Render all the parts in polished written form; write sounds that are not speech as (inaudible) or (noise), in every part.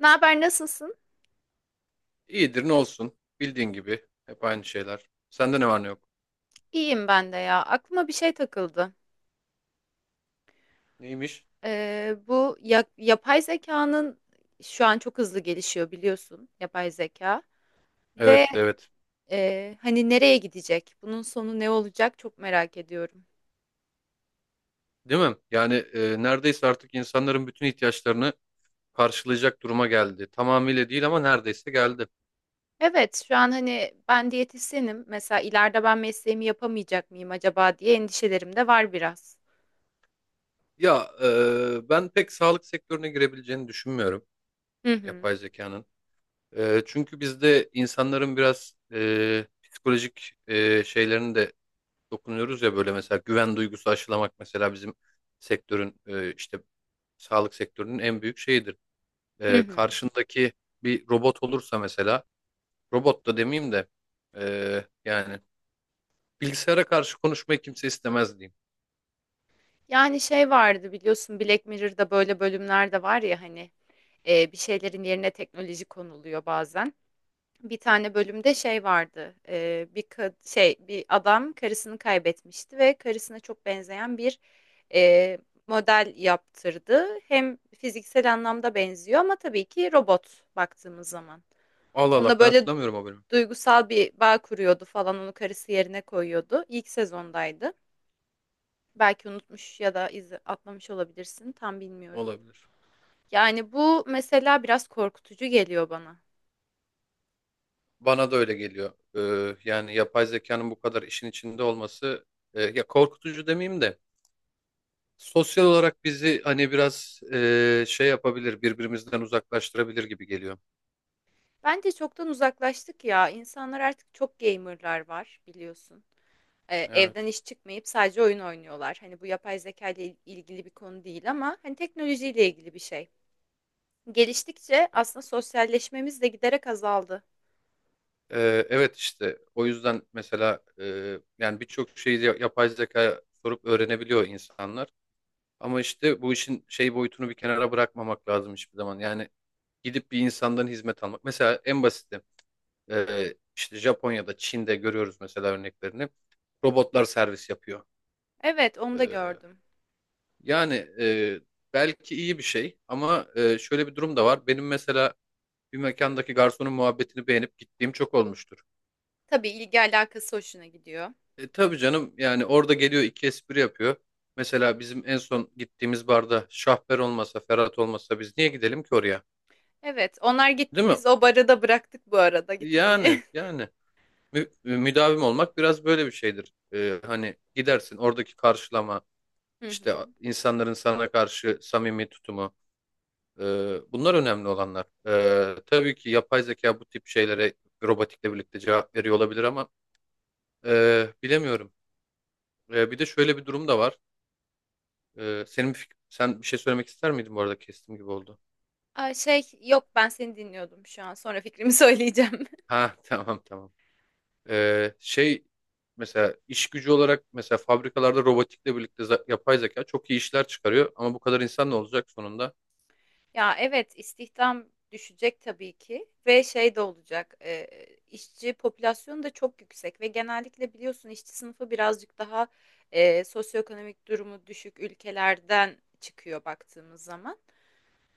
Ne haber, nasılsın? İyidir ne olsun. Bildiğin gibi. Hep aynı şeyler. Sende ne var ne yok? İyiyim ben de ya. Aklıma bir şey takıldı. Neymiş? Yapay zekanın şu an çok hızlı gelişiyor biliyorsun yapay zeka. Ve Evet evet. Hani nereye gidecek? Bunun sonu ne olacak? Çok merak ediyorum. Değil mi? Yani neredeyse artık insanların bütün ihtiyaçlarını karşılayacak duruma geldi. Tamamıyla değil ama neredeyse geldi. Evet, şu an hani ben diyetisyenim. Mesela ileride ben mesleğimi yapamayacak mıyım acaba diye endişelerim de var biraz. Ya ben pek sağlık sektörüne girebileceğini düşünmüyorum Hı hı. yapay zekanın. Çünkü bizde insanların biraz psikolojik şeylerini de dokunuyoruz ya, böyle mesela güven duygusu aşılamak mesela bizim sektörün işte sağlık sektörünün en büyük şeyidir. Hı hı. Karşındaki bir robot olursa mesela, robot da demeyeyim de yani bilgisayara karşı konuşmayı kimse istemez diyeyim. Yani şey vardı biliyorsun Black Mirror'da böyle bölümler de var ya hani bir şeylerin yerine teknoloji konuluyor bazen. Bir tane bölümde şey vardı. Bir kad- şey bir adam karısını kaybetmişti ve karısına çok benzeyen bir e, model yaptırdı. Hem fiziksel anlamda benziyor ama tabii ki robot baktığımız zaman. Allah Allah, Onunla ben böyle hatırlamıyorum o bölümü. duygusal bir bağ kuruyordu falan onu karısı yerine koyuyordu. İlk sezondaydı. Belki unutmuş ya da atlamış olabilirsin tam bilmiyorum. Olabilir. Yani bu mesela biraz korkutucu geliyor bana. Bana da öyle geliyor. Yani yapay zekanın bu kadar işin içinde olması ya korkutucu demeyeyim de sosyal olarak bizi, hani biraz şey yapabilir, birbirimizden uzaklaştırabilir gibi geliyor. Bence çoktan uzaklaştık ya. İnsanlar artık çok gamer'lar var biliyorsun. Evden Evet. iş çıkmayıp sadece oyun oynuyorlar. Hani bu yapay zeka ile ilgili bir konu değil ama hani teknolojiyle ilgili bir şey. Geliştikçe aslında sosyalleşmemiz de giderek azaldı. Evet işte o yüzden mesela yani birçok şeyi yapay zeka sorup öğrenebiliyor insanlar. Ama işte bu işin şey boyutunu bir kenara bırakmamak lazım hiçbir zaman. Yani gidip bir insandan hizmet almak. Mesela en basiti işte Japonya'da, Çin'de görüyoruz mesela örneklerini. Robotlar servis yapıyor. Evet, onu da Ee, gördüm. yani belki iyi bir şey ama şöyle bir durum da var. Benim mesela bir mekandaki garsonun muhabbetini beğenip gittiğim çok olmuştur. Tabii ilgi alakası hoşuna gidiyor. Tabii canım, yani orada geliyor iki espri yapıyor. Mesela bizim en son gittiğimiz barda Şahber olmasa, Ferhat olmasa biz niye gidelim ki oraya? Evet, onlar Değil gitti mi? biz o barı da bıraktık bu arada Yani gitmeyi. yani müdavim olmak biraz böyle bir şeydir. Hani gidersin, oradaki karşılama, (laughs) Hı işte hı. insanların sana karşı samimi tutumu, e, bunlar önemli olanlar. Tabii ki yapay zeka bu tip şeylere robotikle birlikte cevap veriyor olabilir ama bilemiyorum. Bir de şöyle bir durum da var. Senin sen bir şey söylemek ister miydin, bu arada kestim gibi oldu. Aa, şey yok ben seni dinliyordum şu an. Sonra fikrimi (laughs) söyleyeceğim. Ha (laughs) tamam tamam. Şey, mesela iş gücü olarak mesela fabrikalarda robotikle birlikte yapay zeka çok iyi işler çıkarıyor ama bu kadar insan ne olacak sonunda? Ya evet istihdam düşecek tabii ki ve şey de olacak işçi popülasyonu da çok yüksek ve genellikle biliyorsun işçi sınıfı birazcık daha sosyoekonomik durumu düşük ülkelerden çıkıyor baktığımız zaman.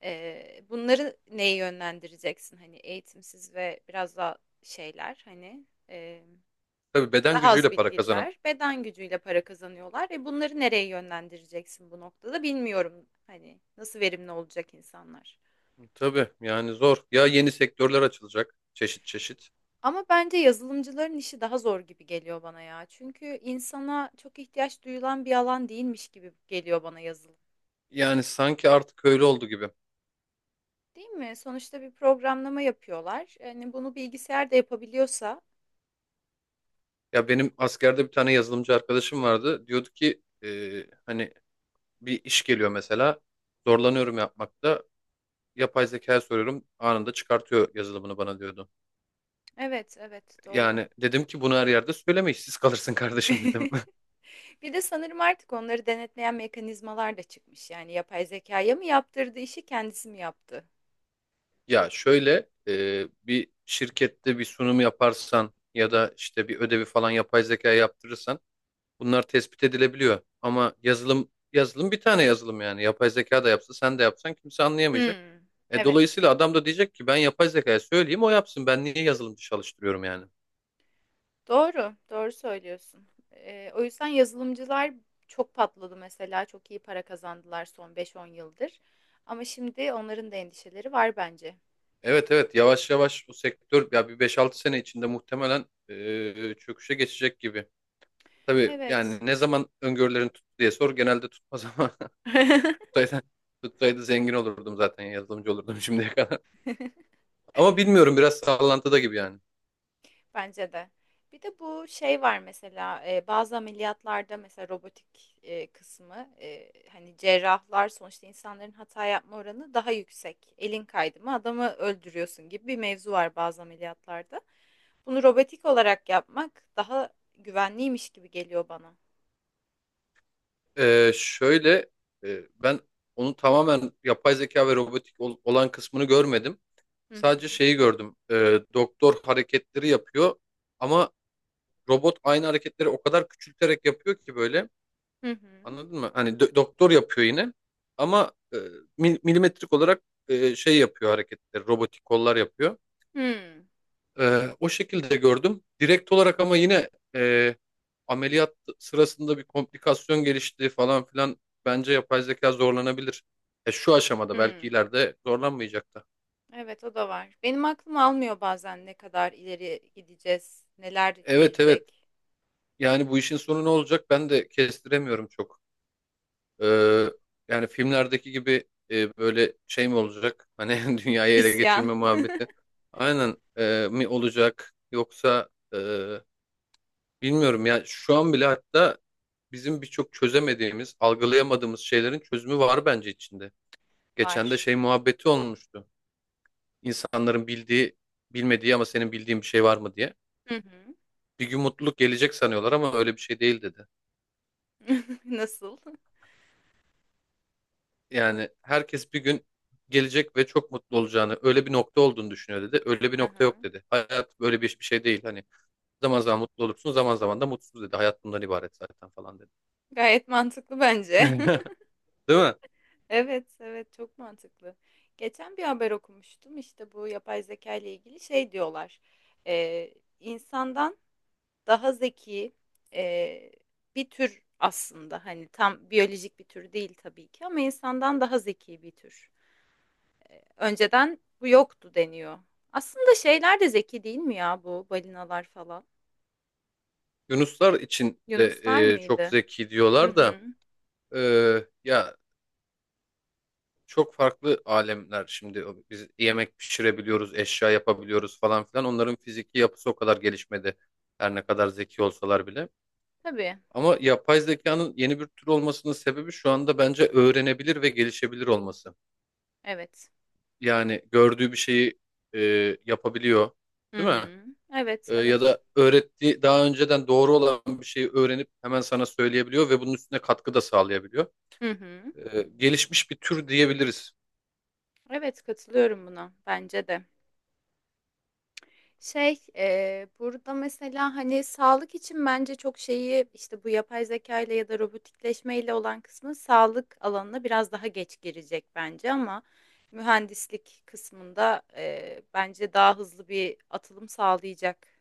Bunları neye yönlendireceksin hani eğitimsiz ve biraz daha şeyler hani Tabii, beden daha az gücüyle para kazanan. bilgililer beden gücüyle para kazanıyorlar. Bunları nereye yönlendireceksin bu noktada bilmiyorum hani nasıl verimli olacak insanlar. Tabii yani zor. Ya, yeni sektörler açılacak çeşit çeşit. Ama bence yazılımcıların işi daha zor gibi geliyor bana ya. Çünkü insana çok ihtiyaç duyulan bir alan değilmiş gibi geliyor bana yazılım. Yani sanki artık öyle oldu gibi. Değil mi? Sonuçta bir programlama yapıyorlar. Yani bunu bilgisayar da yapabiliyorsa. Ya benim askerde bir tane yazılımcı arkadaşım vardı. Diyordu ki hani bir iş geliyor mesela. Zorlanıyorum yapmakta. Yapay zekaya soruyorum, anında çıkartıyor yazılımını bana diyordu. Evet, evet, doğru. Yani dedim ki bunu her yerde söyleme, işsiz kalırsın kardeşim dedim. (laughs) (laughs) Bir de sanırım artık onları denetleyen mekanizmalar da çıkmış. Yani yapay zekaya mı yaptırdı işi, kendisi mi yaptı? Ya şöyle, bir şirkette bir sunum yaparsan ya da işte bir ödevi falan yapay zekaya yaptırırsan, bunlar tespit edilebiliyor. Ama yazılım, yazılım bir tane yazılım, yani yapay zeka da yapsa sen de yapsan kimse anlayamayacak. Hmm, evet. Dolayısıyla adam da diyecek ki ben yapay zekaya söyleyeyim o yapsın, ben niye yazılımcı çalıştırıyorum yani. Doğru, doğru söylüyorsun. O yüzden yazılımcılar çok patladı mesela. Çok iyi para kazandılar son beş on yıldır. Ama şimdi onların da endişeleri var bence. Evet evet, yavaş yavaş o sektör ya bir 5-6 sene içinde muhtemelen çöküşe geçecek gibi. Tabii yani, Evet. ne zaman öngörülerin tuttu diye sor, genelde tutmaz ama (laughs) (laughs) tutsaydı, tutsaydı zengin olurdum, zaten yazılımcı olurdum şimdiye kadar. (laughs) Ama bilmiyorum, biraz sallantıda gibi yani. Bence de. Bir de bu şey var mesela bazı ameliyatlarda mesela robotik kısmı hani cerrahlar sonuçta insanların hata yapma oranı daha yüksek. Elin kaydı mı adamı öldürüyorsun gibi bir mevzu var bazı ameliyatlarda. Bunu robotik olarak yapmak daha güvenliymiş gibi geliyor bana. Şöyle, ben onu tamamen yapay zeka ve robotik olan kısmını görmedim. Hı Sadece hı. şeyi gördüm. Doktor hareketleri yapıyor ama robot aynı hareketleri o kadar küçülterek yapıyor ki böyle. Hı hı. Anladın mı? Hani doktor yapıyor yine ama milimetrik olarak şey yapıyor hareketleri, robotik kollar yapıyor. Hı. O şekilde gördüm direkt olarak. Ama yine e, ameliyat sırasında bir komplikasyon gelişti falan filan, bence yapay zeka zorlanabilir. Şu aşamada, belki Hı. ileride zorlanmayacak da. Evet o da var. Benim aklım almıyor bazen ne kadar ileri gideceğiz, neler Evet evet, gelecek. yani bu işin sonu ne olacak ben de kestiremiyorum çok. (laughs) Hı. Ee, Yani filmlerdeki gibi böyle şey mi olacak? Hani (laughs) dünyayı ele İsyan geçirme muhabbeti. Aynen, mi olacak? Yoksa bilmiyorum ya. Şu an bile hatta bizim birçok çözemediğimiz, algılayamadığımız şeylerin çözümü var bence içinde. Geçen de var. şey muhabbeti olmuştu. İnsanların bildiği, bilmediği ama senin bildiğin bir şey var mı diye. Hı hı. Bir gün mutluluk gelecek sanıyorlar ama öyle bir şey değil dedi. (laughs) Nasıl? Yani herkes bir gün gelecek ve çok mutlu olacağını, öyle bir nokta olduğunu düşünüyor dedi. Öyle bir nokta yok Aha. dedi. Hayat böyle bir şey değil. Hani zaman zaman mutlu olursun, zaman zaman da mutsuz dedi. Hayat bundan ibaret zaten falan dedi. Gayet mantıklı bence. (laughs) (laughs) Değil mi? Evet, evet çok mantıklı. Geçen bir haber okumuştum. İşte bu yapay zeka ile ilgili şey diyorlar. Ee, insandan daha zeki e, bir tür aslında. Hani tam biyolojik bir tür değil tabii ki ama insandan daha zeki bir tür. Önceden bu yoktu deniyor. Aslında şeyler de zeki değil mi ya bu balinalar falan? Yunuslar için de Yunuslar çok mıydı? zeki Hı diyorlar da hı. e, ya, çok farklı alemler şimdi. Biz yemek pişirebiliyoruz, eşya yapabiliyoruz falan filan. Onların fiziki yapısı o kadar gelişmedi, her ne kadar zeki olsalar bile. Tabii. Ama yapay zekanın yeni bir tür olmasının sebebi şu anda bence öğrenebilir ve gelişebilir olması. Evet. Yani gördüğü bir şeyi e, yapabiliyor, Hı değil mi? hı. Evet, Ya evet. da öğrettiği daha önceden doğru olan bir şeyi öğrenip hemen sana söyleyebiliyor ve bunun üstüne katkı da sağlayabiliyor. Hı hı. Gelişmiş bir tür diyebiliriz, Evet, katılıyorum buna. Bence de. Burada mesela hani sağlık için bence çok şeyi işte bu yapay zeka ile ya da robotikleşme ile olan kısmı sağlık alanına biraz daha geç girecek bence ama mühendislik kısmında bence daha hızlı bir atılım sağlayacak.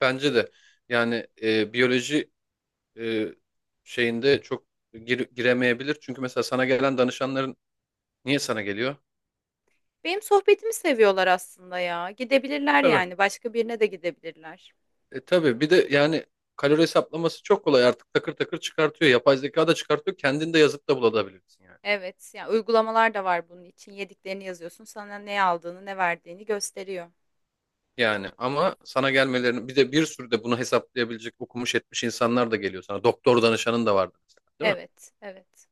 bence de. Yani biyoloji e, şeyinde çok giremeyebilir. Çünkü mesela sana gelen danışanların niye sana geliyor? Benim sohbetimi seviyorlar aslında ya. Gidebilirler Tabii. yani. Başka birine de gidebilirler. Tabii bir de yani kalori hesaplaması çok kolay, artık takır takır çıkartıyor. Yapay zeka da çıkartıyor. Kendin de yazıp da bulabilirsin yani. Evet, yani uygulamalar da var bunun için. Yediklerini yazıyorsun, sana ne aldığını, ne verdiğini gösteriyor. Yani ama sana gelmelerini, bir de bir sürü de bunu hesaplayabilecek okumuş etmiş insanlar da geliyor sana. Doktor danışanın da vardı mesela, değil mi? Evet, evet.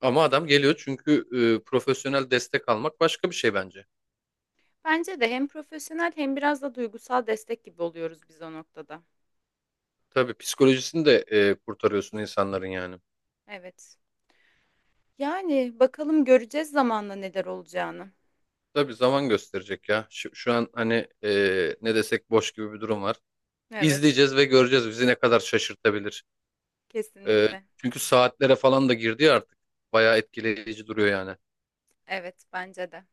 Ama adam geliyor çünkü profesyonel destek almak başka bir şey bence. Bence de hem profesyonel hem biraz da duygusal destek gibi oluyoruz biz o noktada. Tabii psikolojisini de kurtarıyorsun insanların yani. Evet. Yani bakalım göreceğiz zamanla neler olacağını. Tabii, zaman gösterecek ya. Şu an hani ne desek boş gibi bir durum var. Evet, İzleyeceğiz ve göreceğiz bizi ne kadar şaşırtabilir. Ee, kesinlikle. Çünkü saatlere falan da girdi ya artık. Bayağı etkileyici duruyor yani. Evet, bence de.